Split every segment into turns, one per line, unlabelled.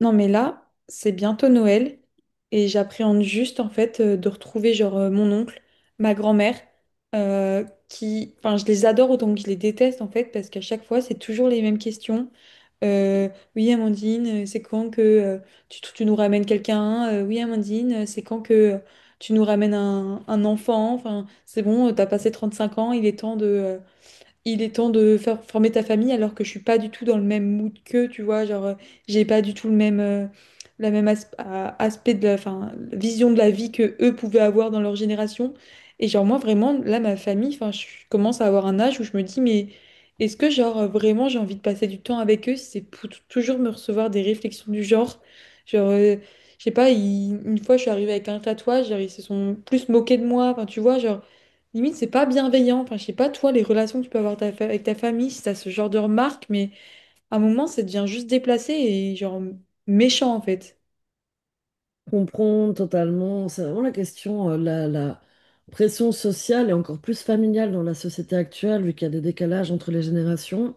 Non, mais là, c'est bientôt Noël et j'appréhende juste en fait de retrouver genre mon oncle, ma grand-mère, euh, qui, enfin, je les adore autant que je les déteste en fait parce qu'à chaque fois, c'est toujours les mêmes questions. Euh, oui, Amandine, c'est quand que tu nous ramènes quelqu'un? Oui, Amandine, c'est quand que tu nous ramènes un enfant? Enfin, c'est bon, t'as passé 35 ans, il est temps de, il est temps de faire former ta famille alors que je suis pas du tout dans le même mood que tu vois genre j'ai pas du tout le même la même aspect de la enfin, vision de la vie que eux pouvaient avoir dans leur génération et genre moi vraiment là ma famille enfin je commence à avoir un âge où je me dis mais est-ce que genre vraiment j'ai envie de passer du temps avec eux si c'est pour toujours me recevoir des réflexions du genre genre euh, je sais pas une fois je suis arrivée avec un tatouage genre, ils se sont plus moqués de moi enfin tu vois genre limite, c'est pas bienveillant. Enfin, je sais pas, toi, les relations que tu peux avoir ta avec ta famille, si t'as ce genre de remarques, mais à un moment, ça devient juste déplacé et genre méchant, en fait.
Comprendre totalement, c'est vraiment la question, la pression sociale et encore plus familiale dans la société actuelle, vu qu'il y a des décalages entre les générations.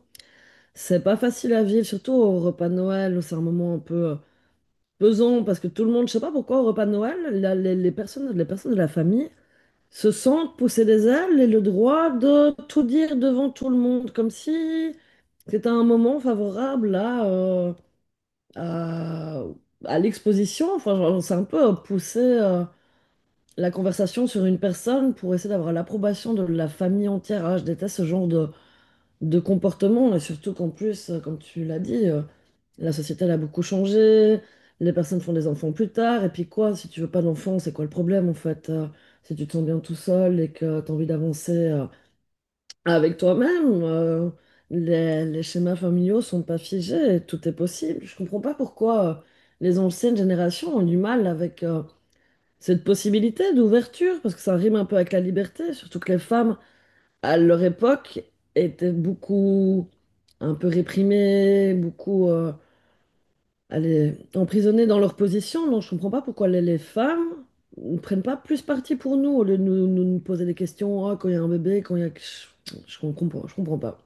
C'est pas facile à vivre, surtout au repas de Noël, où c'est un moment un peu pesant, parce que tout le monde, je sais pas pourquoi, au repas de Noël, les personnes, les personnes de la famille se sentent pousser des ailes et le droit de tout dire devant tout le monde, comme si c'était un moment favorable à, à l'exposition. Enfin, genre, c'est un peu poussé la conversation sur une personne pour essayer d'avoir l'approbation de la famille entière. Ah, je déteste ce genre de comportement, et surtout qu'en plus, comme tu l'as dit, la société elle a beaucoup changé, les personnes font des enfants plus tard, et puis quoi, si tu veux pas d'enfants, c'est quoi le problème en fait? Si tu te sens bien tout seul et que tu as envie d'avancer avec toi-même. Les schémas familiaux sont pas figés, et tout est possible. Je comprends pas pourquoi les anciennes générations ont du mal avec cette possibilité d'ouverture, parce que ça rime un peu avec la liberté, surtout que les femmes, à leur époque, étaient beaucoup un peu réprimées, beaucoup allez, emprisonnées dans leur position. Donc je comprends pas pourquoi les femmes ne prennent pas plus parti pour nous, au lieu de nous poser des questions. Ah, quand il y a un bébé, quand il y a. Je comprends, je comprends pas.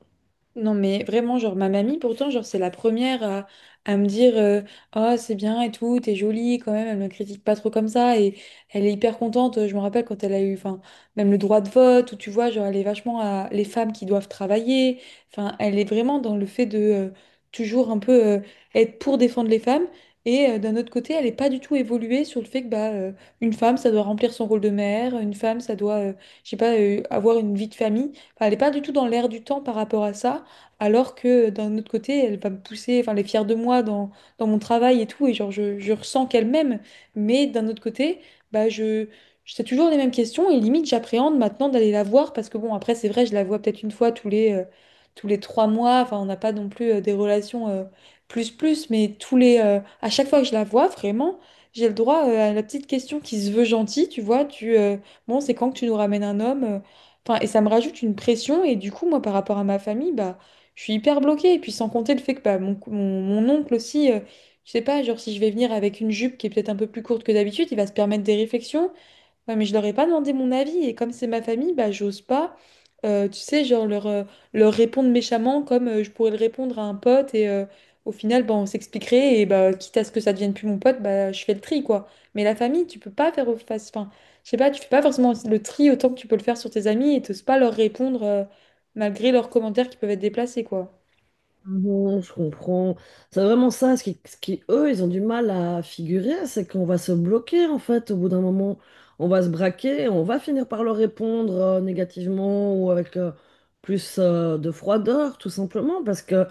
Non mais vraiment genre ma mamie pourtant genre c'est la première à me dire oh c'est bien et tout t'es jolie quand même elle me critique pas trop comme ça et elle est hyper contente je me rappelle quand elle a eu enfin même le droit de vote où tu vois genre elle est vachement à les femmes qui doivent travailler enfin elle est vraiment dans le fait de toujours un peu être pour défendre les femmes et d'un autre côté elle est pas du tout évoluée sur le fait que bah une femme ça doit remplir son rôle de mère une femme ça doit je sais pas avoir une vie de famille. Enfin, elle n'est pas du tout dans l'air du temps par rapport à ça alors que d'un autre côté, elle va me pousser, enfin, elle est fière de moi dans, dans mon travail et tout, et genre, je ressens qu'elle m'aime, mais d'un autre côté, bah, c'est toujours les mêmes questions, et limite, j'appréhende maintenant d'aller la voir, parce que bon, après, c'est vrai, je la vois peut-être une fois tous les 3 mois, enfin, on n'a pas non plus des relations plus plus, mais tous les, à chaque fois que je la vois, vraiment, j'ai le droit à la petite question qui se veut gentille, tu vois, bon, c'est quand que tu nous ramènes un homme? Enfin, et ça me rajoute une pression, et du coup, moi, par rapport à ma famille, bah, je suis hyper bloquée. Et puis sans compter le fait que bah, mon oncle aussi, je sais pas, genre si je vais venir avec une jupe qui est peut-être un peu plus courte que d'habitude, il va se permettre des réflexions. Ouais, mais je leur ai pas demandé mon avis. Et comme c'est ma famille, bah, j'ose pas, tu sais, genre leur répondre méchamment comme je pourrais le répondre à un pote. Et au final, bah, on s'expliquerait. Et bah, quitte à ce que ça devienne plus mon pote, bah, je fais le tri, quoi. Mais la famille, tu peux pas faire au face. Enfin, je sais pas, tu fais pas forcément le tri autant que tu peux le faire sur tes amis et t'oses pas leur répondre malgré leurs commentaires qui peuvent être déplacés, quoi.
Non, je comprends. C'est vraiment ça, ce qui, eux, ils ont du mal à figurer, c'est qu'on va se bloquer, en fait, au bout d'un moment. On va se braquer, on va finir par leur répondre négativement ou avec plus de froideur, tout simplement, parce que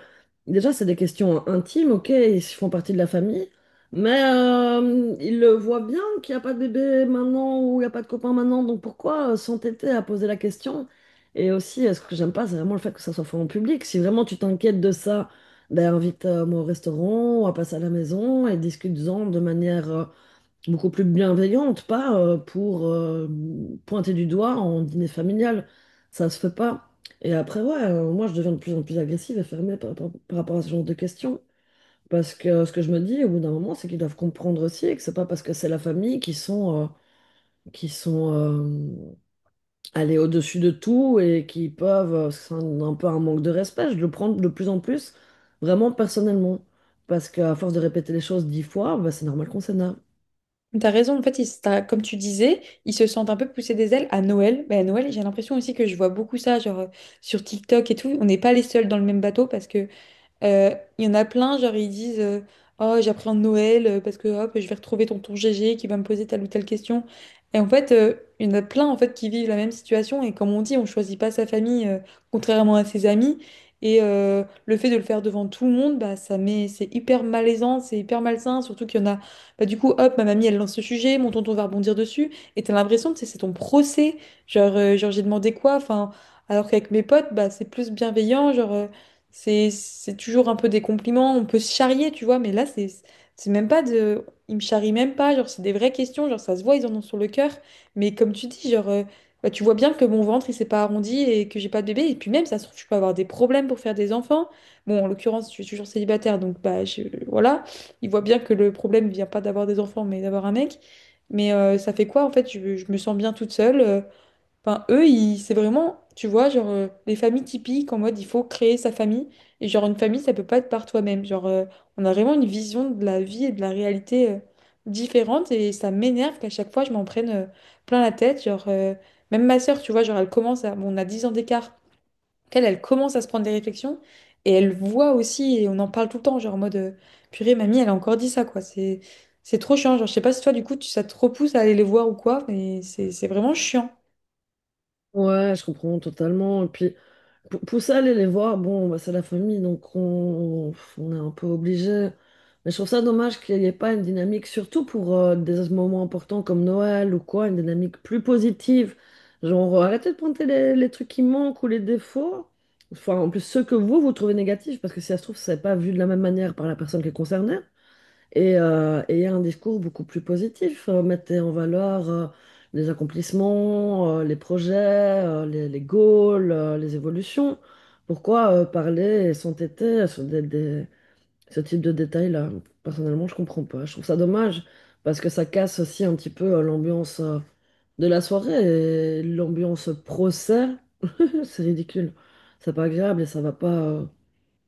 déjà, c'est des questions intimes. Ok, ils font partie de la famille, mais ils le voient bien qu'il n'y a pas de bébé maintenant ou il n'y a pas de copain maintenant, donc pourquoi s'entêter à poser la question? Et aussi, ce que j'aime pas, c'est vraiment le fait que ça soit fait en public. Si vraiment tu t'inquiètes de ça, ben invite-moi au restaurant, à passer à la maison et discute-en de manière beaucoup plus bienveillante, pas pour pointer du doigt en dîner familial. Ça se fait pas. Et après, ouais, moi je deviens de plus en plus agressive et fermée par rapport à ce genre de questions. Parce que ce que je me dis au bout d'un moment, c'est qu'ils doivent comprendre aussi et que c'est pas parce que c'est la famille qu'ils sont, qui sont aller au-dessus de tout et qui peuvent, c'est un peu un manque de respect, je le prends de plus en plus, vraiment personnellement. Parce qu'à force de répéter les choses 10 fois, bah, c'est normal qu'on s'énerve.
T'as raison, en fait, comme tu disais, ils se sentent un peu poussés des ailes à Noël. Mais à Noël, j'ai l'impression aussi que je vois beaucoup ça, genre sur TikTok et tout. On n'est pas les seuls dans le même bateau parce que il y en a plein, genre ils disent oh, j'appréhende Noël parce que hop, je vais retrouver tonton GG qui va me poser telle ou telle question. Et en fait, il y en a plein en fait qui vivent la même situation. Et comme on dit, on choisit pas sa famille contrairement à ses amis. Et le fait de le faire devant tout le monde, bah, ça met, c'est hyper malaisant, c'est hyper malsain. Surtout qu'il y en a, bah, du coup, hop, ma mamie elle lance ce sujet, mon tonton va rebondir dessus. Et t'as l'impression que c'est ton procès. Genre j'ai demandé quoi? Enfin, alors qu'avec mes potes, bah, c'est plus bienveillant. C'est toujours un peu des compliments, on peut se charrier, tu vois, mais là, c'est même pas de... Ils me charrient même pas, genre, c'est des vraies questions, genre, ça se voit, ils en ont sur le cœur. Mais comme tu dis, bah, tu vois bien que mon ventre, il s'est pas arrondi et que j'ai pas de bébé. Et puis même, ça se trouve, je peux avoir des problèmes pour faire des enfants. Bon, en l'occurrence, je suis toujours célibataire, donc, bah, voilà. Ils voient bien que le problème vient pas d'avoir des enfants, mais d'avoir un mec. Mais ça fait quoi, en fait? Je me sens bien toute seule. Enfin, c'est vraiment, tu vois, les familles typiques en mode il faut créer sa famille. Et genre, une famille, ça peut pas être par toi-même. On a vraiment une vision de la vie et de la réalité différente. Et ça m'énerve qu'à chaque fois, je m'en prenne plein la tête. Même ma sœur, tu vois, genre, elle commence à. Bon, on a 10 ans d'écart. Elle commence à se prendre des réflexions. Et elle voit aussi, et on en parle tout le temps, en mode purée, mamie, elle a encore dit ça, quoi. C'est trop chiant. Je sais pas si toi, du coup, tu, ça te repousse à aller les voir ou quoi, mais c'est vraiment chiant.
Ouais, je comprends totalement. Et puis, pour ça, aller les voir, bon, bah, c'est la famille, donc on est un peu obligé. Mais je trouve ça dommage qu'il n'y ait pas une dynamique, surtout pour des moments importants comme Noël ou quoi, une dynamique plus positive. Genre, arrêtez de pointer les trucs qui manquent ou les défauts. Enfin, en plus, ceux que vous, vous trouvez négatifs, parce que si ça se trouve, c'est pas vu de la même manière par la personne qui est concernée, et un discours beaucoup plus positif mettait en valeur les accomplissements, les projets, les goals, les évolutions. Pourquoi parler et s'entêter sur ce type de détails-là? Personnellement, je comprends pas. Je trouve ça dommage parce que ça casse aussi un petit peu l'ambiance de la soirée, et l'ambiance procès, c'est ridicule. C'est pas agréable et ça va pas. euh,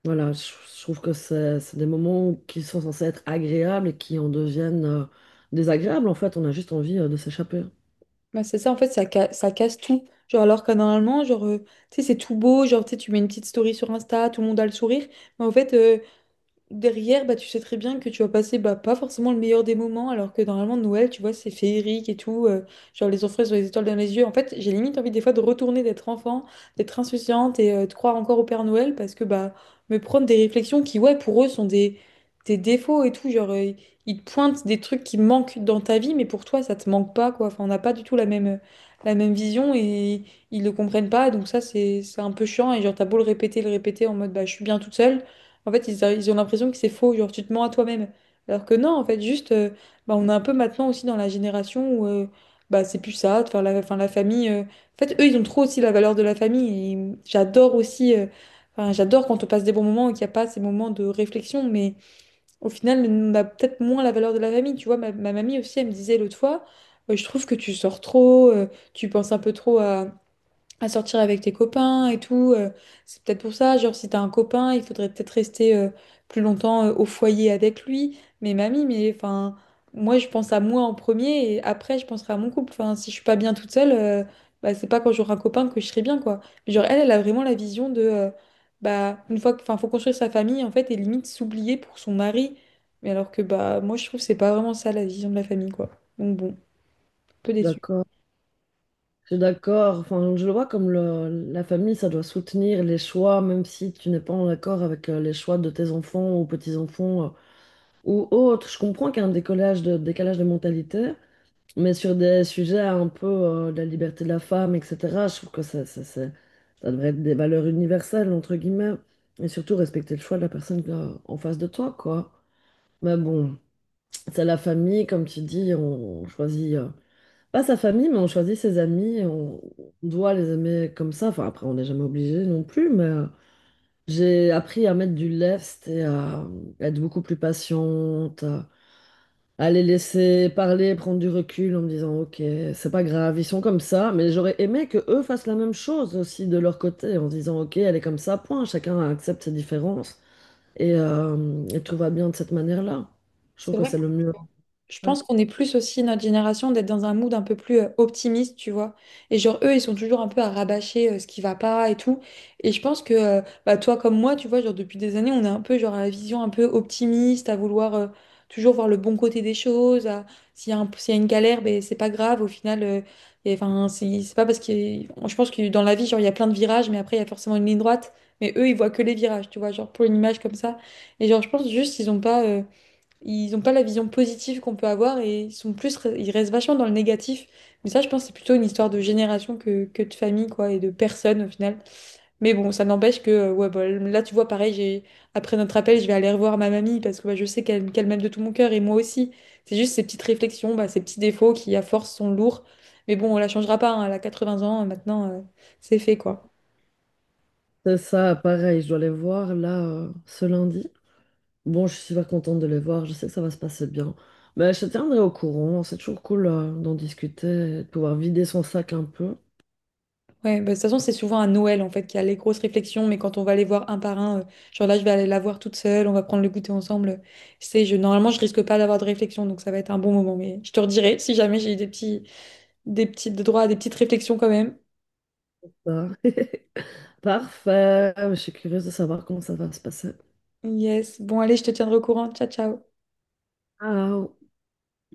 voilà, je trouve que c'est des moments qui sont censés être agréables et qui en deviennent désagréables. En fait, on a juste envie de s'échapper.
Bah, c'est ça, en fait, ça casse tout. Genre, alors que normalement, genre, tu sais, c'est tout beau, genre, tu sais, tu mets une petite story sur Insta, tout le monde a le sourire. Mais en fait, derrière, bah, tu sais très bien que tu vas passer bah, pas forcément le meilleur des moments, alors que normalement, Noël, tu vois, c'est féerique et tout. Genre, les enfants, ils ont les étoiles dans les yeux. En fait, j'ai limite envie des fois de retourner, d'être enfant, d'être insouciante et de croire encore au Père Noël parce que, bah, me prendre des réflexions qui, ouais, pour eux, sont des défauts et tout. Ils te pointent des trucs qui manquent dans ta vie, mais pour toi, ça te manque pas, quoi. Enfin, on n'a pas du tout la même vision et ils le comprennent pas. Donc, ça, c'est un peu chiant. Et genre, t'as beau le répéter en mode, bah, je suis bien toute seule. En fait, ils ont l'impression que c'est faux, genre tu te mens à toi-même. Alors que non, en fait, juste, bah, on est un peu maintenant aussi dans la génération où bah, c'est plus ça, de faire la, enfin, la famille. En fait, eux, ils ont trop aussi la valeur de la famille. Et j'adore aussi, enfin, j'adore quand on passe des bons moments et qu'il n'y a pas ces moments de réflexion, mais au final, on a peut-être moins la valeur de la famille. Tu vois, ma mamie aussi, elle me disait l'autre fois, je trouve que tu sors trop, tu penses un peu trop à sortir avec tes copains et tout. C'est peut-être pour ça, genre si t'as un copain, il faudrait peut-être rester plus longtemps au foyer avec lui. Mais mamie, mais enfin, moi je pense à moi en premier et après je penserai à mon couple. Enfin, si je suis pas bien toute seule, bah c'est pas quand j'aurai un copain que je serai bien quoi. Mais genre elle a vraiment la vision de bah une fois que, enfin, faut construire sa famille en fait et limite s'oublier pour son mari. Mais alors que bah moi je trouve que c'est pas vraiment ça la vision de la famille quoi. Donc bon, un peu déçu.
D'accord. Je suis d'accord. Enfin, je le vois comme la famille, ça doit soutenir les choix, même si tu n'es pas en accord avec les choix de tes enfants ou petits-enfants ou autres. Je comprends qu'il y a un décalage de mentalité, mais sur des sujets un peu de la liberté de la femme, etc., je trouve que ça devrait être des valeurs universelles, entre guillemets, et surtout respecter le choix de la personne en face de toi, quoi. Mais bon, c'est la famille, comme tu dis, on choisit, pas sa famille, mais on choisit ses amis, et on doit les aimer comme ça. Enfin, après, on n'est jamais obligé non plus, mais j'ai appris à mettre du lest et à être beaucoup plus patiente, à les laisser parler, prendre du recul en me disant, ok, c'est pas grave, ils sont comme ça, mais j'aurais aimé que eux fassent la même chose aussi de leur côté, en se disant, ok, elle est comme ça, point, chacun accepte ses différences, et tout va bien de cette manière-là. Je trouve que c'est le mieux.
Je pense qu'on est plus aussi notre génération d'être dans un mood un peu plus optimiste, tu vois. Et genre, eux, ils sont toujours un peu à rabâcher ce qui va pas et tout. Et je pense que, bah, toi comme moi, tu vois, genre, depuis des années, on est un peu, genre, à la vision un peu optimiste, à vouloir toujours voir le bon côté des choses. S'il y a s'il y a une galère, ben, c'est pas grave. Au final, et, enfin, c'est pas parce que. Je pense que dans la vie, genre, il y a plein de virages, mais après, il y a forcément une ligne droite. Mais eux, ils voient que les virages, tu vois, genre, pour une image comme ça. Et genre, je pense juste, ils ont pas. Ils n'ont pas la vision positive qu'on peut avoir et ils sont plus, ils restent vachement dans le négatif. Mais ça, je pense, que c'est plutôt une histoire de génération que de famille, quoi, et de personne au final. Mais bon, ça n'empêche que, ouais, bah, là, tu vois, pareil, après notre appel, je vais aller revoir ma mamie parce que bah, je sais qu'elle m'aime de tout mon cœur et moi aussi. C'est juste ces petites réflexions, bah, ces petits défauts qui, à force, sont lourds. Mais bon, on la changera pas, hein, elle a 20 ans, maintenant, c'est fait, quoi.
C'est ça, pareil, je dois les voir là ce lundi. Bon, je suis super contente de les voir, je sais que ça va se passer bien. Mais je te tiendrai au courant, c'est toujours cool d'en discuter, et de pouvoir vider son sac un peu.
Ouais, bah, de toute façon, c'est souvent à Noël en fait qu'il y a les grosses réflexions, mais quand on va les voir un par un, genre là, je vais aller la voir toute seule, on va prendre le goûter ensemble. C'est, je, normalement, je risque pas d'avoir de réflexion, donc ça va être un bon moment. Mais je te redirai si jamais j'ai eu des petits, des petits des droits à des petites réflexions quand même.
Ça. Parfait. Je suis curieuse de savoir comment ça va se passer.
Yes, bon, allez, je te tiendrai au courant. Ciao, ciao.
Ah,